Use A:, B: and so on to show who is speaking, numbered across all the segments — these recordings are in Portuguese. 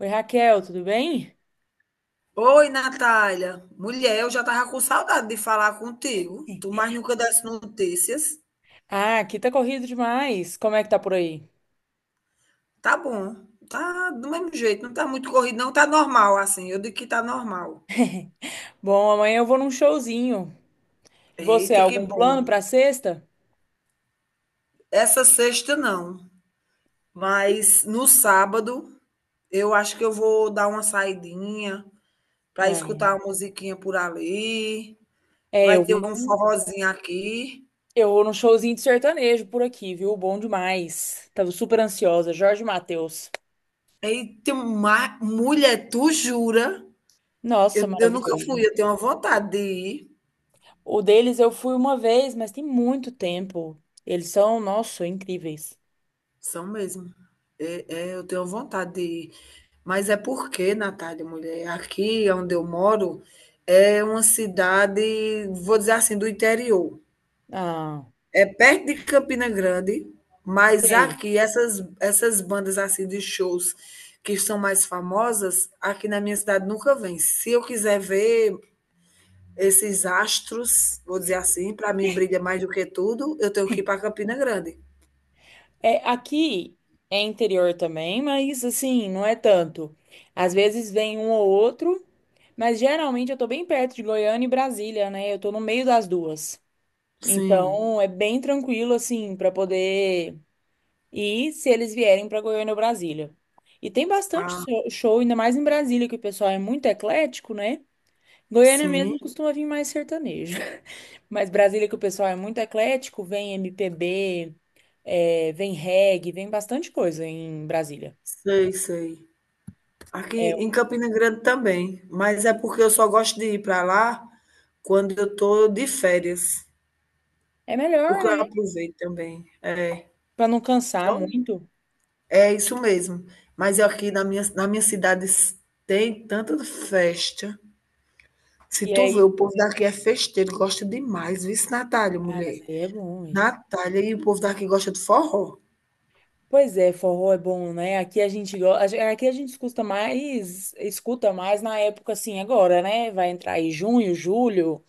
A: Oi, Raquel, tudo bem?
B: Oi, Natália. Mulher, eu já tava com saudade de falar contigo. Tu mais nunca desse notícias.
A: Ah, aqui tá corrido demais. Como é que tá por aí?
B: Tá bom. Tá do mesmo jeito. Não tá muito corrido, não. Tá normal, assim. Eu digo que tá normal.
A: Bom, amanhã eu vou num showzinho. Você,
B: Eita, que
A: algum
B: bom.
A: plano pra sexta?
B: Essa sexta, não. Mas no sábado, eu acho que eu vou dar uma saidinha pra
A: Ah,
B: escutar
A: é,
B: uma musiquinha por ali.
A: É,
B: Vai
A: eu
B: ter
A: vou
B: um
A: num,
B: forrozinho aqui.
A: eu vou num showzinho de sertanejo por aqui, viu? Bom demais. Tava super ansiosa. Jorge Mateus.
B: Eita, mulher, tu jura?
A: Nossa,
B: Eu nunca
A: maravilhoso.
B: fui, eu tenho uma vontade de ir,
A: O deles eu fui uma vez, mas tem muito tempo. Eles são, nossa, incríveis.
B: são mesmo. Eu tenho vontade de ir. Mas é porque, Natália, mulher, aqui onde eu moro é uma cidade, vou dizer assim, do interior.
A: Ah,
B: É perto de Campina Grande, mas
A: sei.
B: aqui essas bandas assim de shows que são mais famosas, aqui na minha cidade nunca vem. Se eu quiser ver esses astros, vou dizer assim, para mim brilha mais do que tudo, eu tenho que ir para Campina Grande.
A: É, aqui é interior também, mas assim, não é tanto. Às vezes vem um ou outro, mas geralmente eu tô bem perto de Goiânia e Brasília, né? Eu tô no meio das duas.
B: Sim.
A: Então é bem tranquilo, assim, para poder ir se eles vierem para Goiânia ou Brasília. E tem bastante
B: Ah,
A: show, ainda mais em Brasília, que o pessoal é muito eclético, né? Goiânia
B: sim.
A: mesmo costuma vir mais sertanejo. Mas Brasília, que o pessoal é muito eclético, vem MPB é, vem reggae, vem bastante coisa em Brasília.
B: Sei, sei. Aqui
A: É,
B: em Campina Grande também, mas é porque eu só gosto de ir para lá quando eu estou de férias,
A: é melhor,
B: porque eu
A: né?
B: aproveito também. É,
A: Pra não cansar
B: só
A: muito.
B: é isso mesmo. Mas aqui na minha cidade tem tanta festa. Se
A: E
B: tu vê,
A: aí,
B: o povo daqui é festeiro, gosta demais. Viu, Natália,
A: ah, mas
B: mulher?
A: aí é bom, hein?
B: Natália, e o povo daqui gosta de forró.
A: Pois é, forró é bom, né? Aqui a gente gosta, aqui a gente escuta mais na época assim agora, né? Vai entrar aí junho, julho.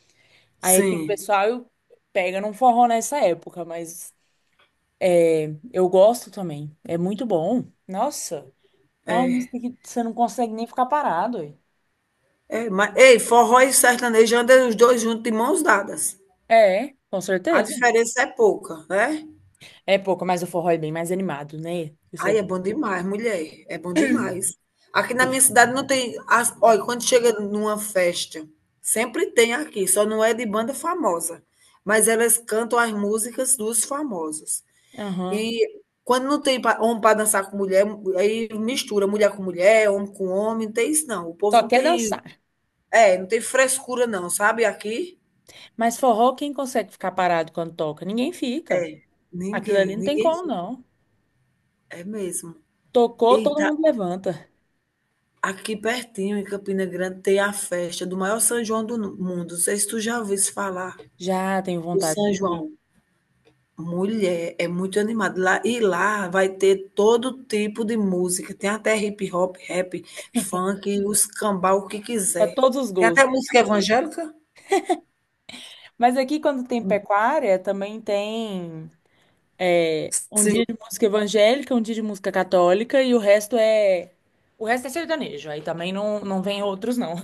A: Aí aqui o
B: Sim,
A: pessoal pega num forró nessa época, mas é, eu gosto também. É muito bom. Nossa, uma
B: é.
A: música que você não consegue nem ficar parado. Hein?
B: É, mas, ei, forró e sertanejo andam os dois juntos de mãos dadas.
A: É, com
B: A
A: certeza.
B: diferença é pouca, né?
A: É pouco, mas o forró é bem mais animado, né? O
B: Aí é
A: sertanejo.
B: bom demais, mulher. É bom demais. Aqui na minha cidade não tem. Olha, quando chega numa festa, sempre tem aqui, só não é de banda famosa. Mas elas cantam as músicas dos famosos.
A: Aham.
B: E quando não tem homem para dançar com mulher, aí mistura mulher com mulher, homem com homem, não tem isso não. O
A: Só
B: povo não
A: quer
B: tem.
A: dançar.
B: É, não tem frescura não, sabe? Aqui.
A: Mas forró, quem consegue ficar parado quando toca? Ninguém fica.
B: É,
A: Aquilo ali
B: ninguém,
A: não tem
B: ninguém
A: como,
B: fica.
A: não.
B: É mesmo.
A: Tocou,
B: E
A: todo
B: tá
A: mundo levanta.
B: aqui pertinho, em Campina Grande, tem a festa do maior São João do mundo. Não sei se tu já ouviu isso falar,
A: Já tenho
B: o
A: vontade
B: São
A: de ir.
B: João. Mulher, é muito animado. Lá, e lá vai ter todo tipo de música. Tem até hip hop, rap, funk, os cambau, o que
A: Para
B: quiser.
A: todos os
B: Tem até
A: gostos.
B: música evangélica?
A: Mas aqui, quando tem pecuária, também tem é, um
B: Sim.
A: dia de música evangélica, um dia de música católica e o resto é. O resto é sertanejo. Aí também não, não vem outros, não.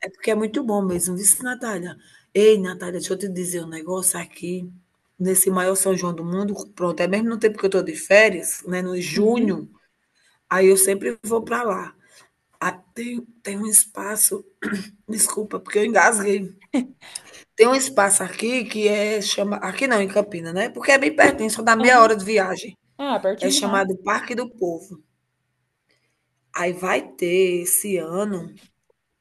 B: É porque é muito bom mesmo, viu, Natália? Ei, Natália, deixa eu te dizer um negócio aqui. Nesse maior São João do mundo, pronto, é mesmo no tempo que eu estou de férias, né, no
A: Uhum.
B: junho, aí eu sempre vou para lá. Ah, tem, tem um espaço, desculpa, porque eu engasguei. Tem um espaço aqui que é chama, aqui não, em Campina, né? Porque é bem pertinho, só dá meia
A: Aham.
B: hora de viagem.
A: Ah,
B: É
A: pertinho demais.
B: chamado Parque do Povo. Aí vai ter esse ano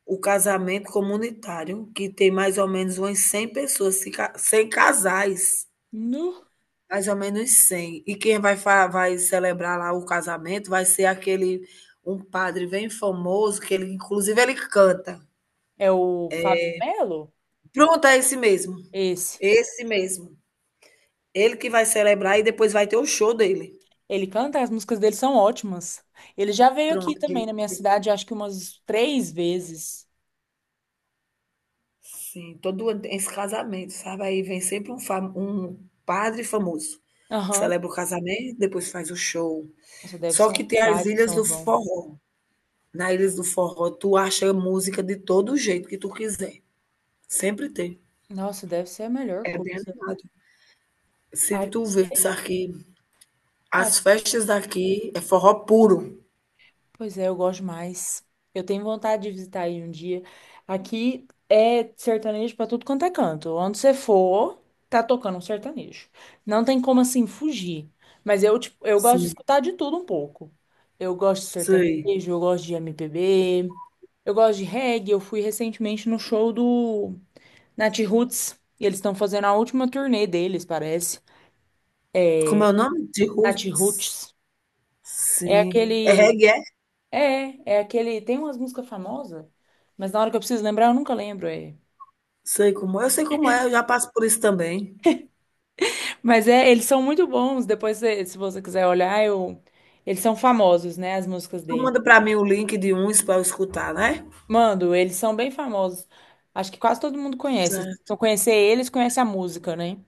B: o casamento comunitário, que tem mais ou menos umas 100 pessoas, se ca- 100 casais,
A: Nu.
B: mais ou menos cem. E quem vai, vai celebrar lá o casamento vai ser aquele, um padre bem famoso, que ele, inclusive, ele canta.
A: É o Fábio de Melo?
B: Pronto, é esse mesmo.
A: Esse.
B: Esse mesmo. Ele que vai celebrar e depois vai ter o show dele.
A: Ele canta, as músicas dele são ótimas. Ele já veio aqui
B: Pronto.
A: também
B: Ele,
A: na minha cidade, acho que umas três vezes.
B: sim, todo ano tem esse casamento, sabe? Aí vem sempre um, um padre famoso.
A: Aham.
B: Celebra o casamento, depois faz o show.
A: Nossa, deve
B: Só
A: ser um
B: que tem as
A: baita
B: ilhas
A: São
B: do
A: João.
B: forró. Na Ilhas do Forró, tu acha música de todo jeito que tu quiser. Sempre tem.
A: Nossa, deve ser a melhor
B: É bem
A: coisa.
B: animado. Se
A: Ai,
B: tu visse aqui,
A: ai,
B: as festas daqui é forró puro.
A: pois é, eu gosto mais. Eu tenho vontade de visitar aí um dia. Aqui é sertanejo pra tudo quanto é canto. Onde você for, tá tocando um sertanejo. Não tem como assim fugir. Mas eu, tipo, eu gosto de
B: Sim,
A: escutar de tudo um pouco. Eu gosto de
B: sei.
A: sertanejo, eu gosto de MPB, eu gosto de reggae. Eu fui recentemente no show do Nat Roots. E eles estão fazendo a última turnê deles, parece.
B: Como é o nome? De
A: Nat
B: roots.
A: Roots. É
B: Sim. É
A: aquele
B: reggae, é?
A: É, é aquele. Tem umas músicas famosas, mas na hora que eu preciso lembrar, eu nunca lembro. É.
B: Sei como é. Eu sei como é, eu já passo por isso também.
A: Mas é, eles são muito bons. Depois, se você quiser olhar, eu, eles são famosos, né? As músicas
B: Tu
A: dele.
B: manda pra mim o link de uns pra eu escutar, né?
A: Mando, eles são bem famosos. Acho que quase todo mundo conhece. Se
B: Certo.
A: não conhecer eles, conhece a música, né?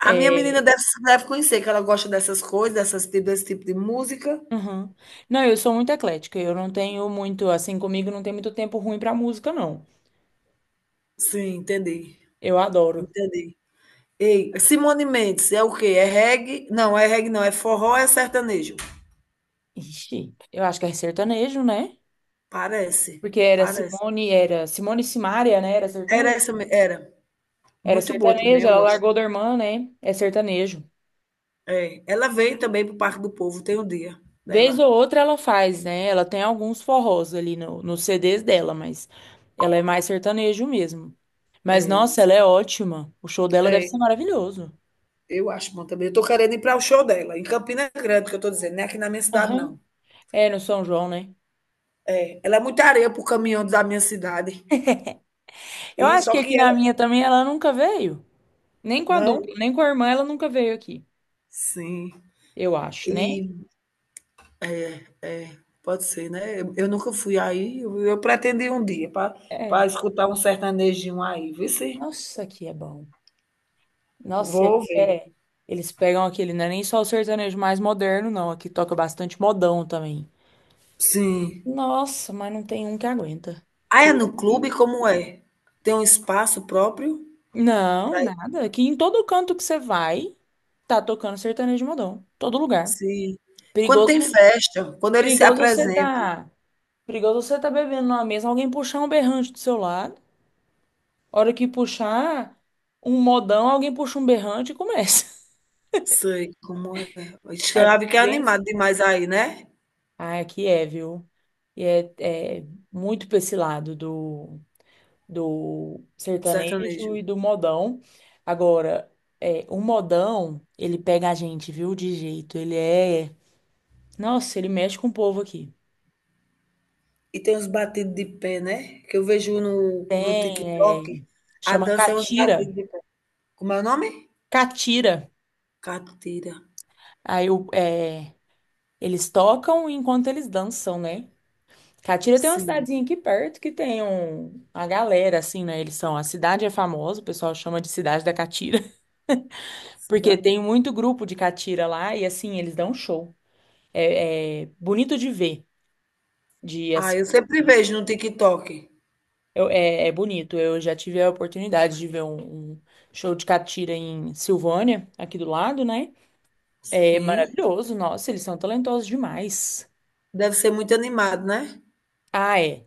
B: A minha menina
A: É,
B: deve conhecer, que ela gosta dessas coisas, dessas, desse tipo de música.
A: uhum. Não, eu sou muito eclética. Eu não tenho muito, assim, comigo não tem muito tempo ruim pra música, não.
B: Sim, entendi.
A: Eu adoro.
B: Entendi. Ei, Simone Mendes é o quê? É reggae? Não, é reggae não, é forró, é sertanejo.
A: Ixi, eu acho que é sertanejo, né?
B: Parece,
A: Porque
B: parece.
A: Era Simone e Simaria, né? Era
B: Era
A: sertanejo.
B: essa, era.
A: Era
B: Muito boa também,
A: sertanejo,
B: eu
A: ela
B: gosto.
A: largou da irmã, né? É sertanejo.
B: É, ela veio também para o Parque do Povo, tem um dia
A: Vez
B: dela.
A: ou outra ela faz, né? Ela tem alguns forrós ali no, nos CDs dela, mas ela é mais sertanejo mesmo. Mas
B: É,
A: nossa, ela é ótima. O show dela deve
B: é,
A: ser maravilhoso.
B: eu acho bom também. Eu tô querendo ir para o show dela, em Campina Grande, que eu tô dizendo, não é aqui na minha cidade,
A: Aham.
B: não.
A: É, no São João, né?
B: É, ela é muita areia pro caminhão da minha cidade.
A: Eu
B: E
A: acho
B: só
A: que aqui
B: que
A: na
B: ela.
A: minha também ela nunca veio. Nem com a
B: Não?
A: dupla, nem com a irmã ela nunca veio aqui.
B: Sim.
A: Eu acho, né?
B: E é, pode ser, né. Eu nunca fui aí, eu pretendi um dia para pra
A: É.
B: escutar um sertanejinho aí, vê se
A: Nossa, aqui é bom. Nossa, aqui
B: vou ver.
A: é. Eles pegam aquele, não é nem só o sertanejo mais moderno, não. Aqui toca bastante modão também.
B: Sim.
A: Nossa, mas não tem um que aguenta.
B: Ah, é
A: Aquilo
B: no
A: ali-
B: clube, como é? Tem um espaço próprio
A: Não,
B: pra
A: nada. Aqui em todo canto que você vai, tá tocando sertanejo modão. Todo lugar.
B: sim. Quando tem
A: Perigoso,
B: festa, quando eles se
A: perigoso você
B: apresentam.
A: tá. Perigoso você tá bebendo numa mesa, alguém puxar um berrante do seu lado. Hora que puxar um modão, alguém puxa um berrante e começa.
B: Sei como é. Ixi,
A: Aqui
B: deve que
A: é
B: é
A: bem assim.
B: animado demais aí, né,
A: Ah, aqui é, viu? E é, é muito pra esse lado do
B: sertanejo.
A: sertanejo e do modão. Agora, é, o modão, ele pega a gente, viu, de jeito. Ele é. Nossa, ele mexe com o povo aqui.
B: E tem uns batidos de pé, né, que eu vejo no
A: Tem, é,
B: TikTok, a
A: chama
B: dança é uns batidos
A: catira.
B: de pé. Como é o nome?
A: Catira.
B: Catira.
A: Aí é, eles tocam enquanto eles dançam, né? Catira tem uma
B: Sim.
A: cidadezinha aqui perto que tem um, uma galera, assim, né? Eles são. A cidade é famosa, o pessoal chama de Cidade da Catira, porque
B: Cidade.
A: tem muito grupo de catira lá e, assim, eles dão show. É, é bonito de ver, de
B: Ah,
A: assim,
B: eu sempre vejo no TikTok.
A: é, é bonito. Eu já tive a oportunidade de ver um, um show de catira em Silvânia, aqui do lado, né? É
B: Sim.
A: maravilhoso, nossa, eles são talentosos demais.
B: Deve ser muito animado, né?
A: Ah, é.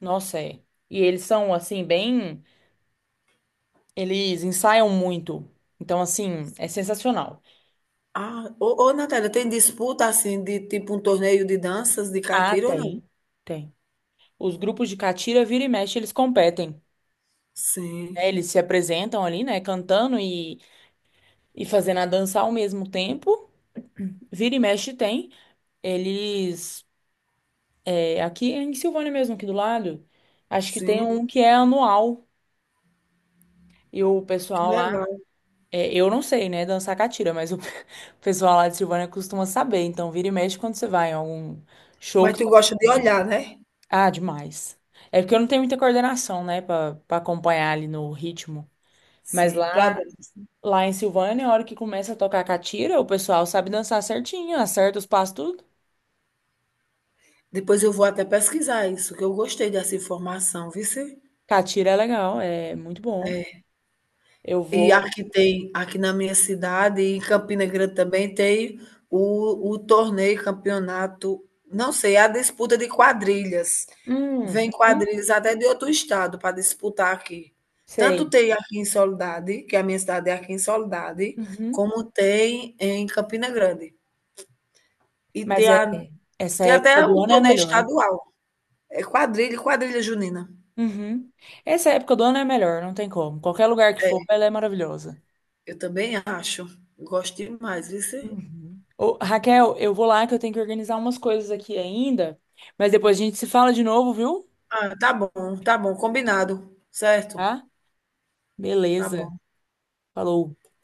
A: Nossa, é. E eles são, assim, bem. Eles ensaiam muito. Então, assim, é sensacional.
B: Ah, ô, ô Natália, tem disputa assim de tipo um torneio de danças de
A: Ah,
B: catira ou não?
A: tem. Tem. Os grupos de catira, vira e mexe, eles competem. Né?
B: Sim,
A: Eles se apresentam ali, né? Cantando e fazendo a dança ao mesmo tempo. Vira e mexe tem. Eles. É, aqui é em Silvânia mesmo, aqui do lado. Acho que tem
B: sim,
A: um que é anual. E o
B: que
A: pessoal lá.
B: legal.
A: É, eu não sei, né, dançar catira, mas o o pessoal lá de Silvânia costuma saber. Então, vira e mexe quando você vai em algum show
B: Mas
A: que
B: tu
A: tá
B: gosta de
A: passando.
B: olhar, né?
A: Ah, demais. É porque eu não tenho muita coordenação, né, pra, pra acompanhar ali no ritmo. Mas
B: Sim, para
A: lá.
B: dança.
A: Lá em Silvânia, a hora que começa a tocar catira, o pessoal sabe dançar certinho, acerta os passos, tudo.
B: Depois eu vou até pesquisar isso, que eu gostei dessa informação, viu?
A: Catira é legal, é muito bom. Eu
B: E
A: vou.
B: aqui tem aqui na minha cidade e em Campina Grande também tem o torneio, campeonato, não sei, é a disputa de quadrilhas.
A: Hum,
B: Vem
A: uhum,
B: quadrilhas até de outro estado para disputar aqui. Tanto
A: sei.
B: tem aqui em Soledade, que a minha cidade é aqui em Soledade,
A: Uhum.
B: como tem em Campina Grande. E tem
A: Mas é,
B: a
A: essa
B: tem
A: época
B: até o
A: do ano é a
B: torneio
A: melhor.
B: estadual. É quadrilha, quadrilha junina.
A: Uhum. Essa época do ano é a melhor, não tem como. Qualquer lugar que for,
B: É,
A: ela é maravilhosa.
B: eu também acho. Gosto demais, viu.
A: Uhum. Ô, Raquel, eu vou lá que eu tenho que organizar umas coisas aqui ainda, mas depois a gente se fala de novo, viu?
B: Ah, tá bom, combinado, certo?
A: Tá?
B: Tá
A: Beleza.
B: bom.
A: Falou.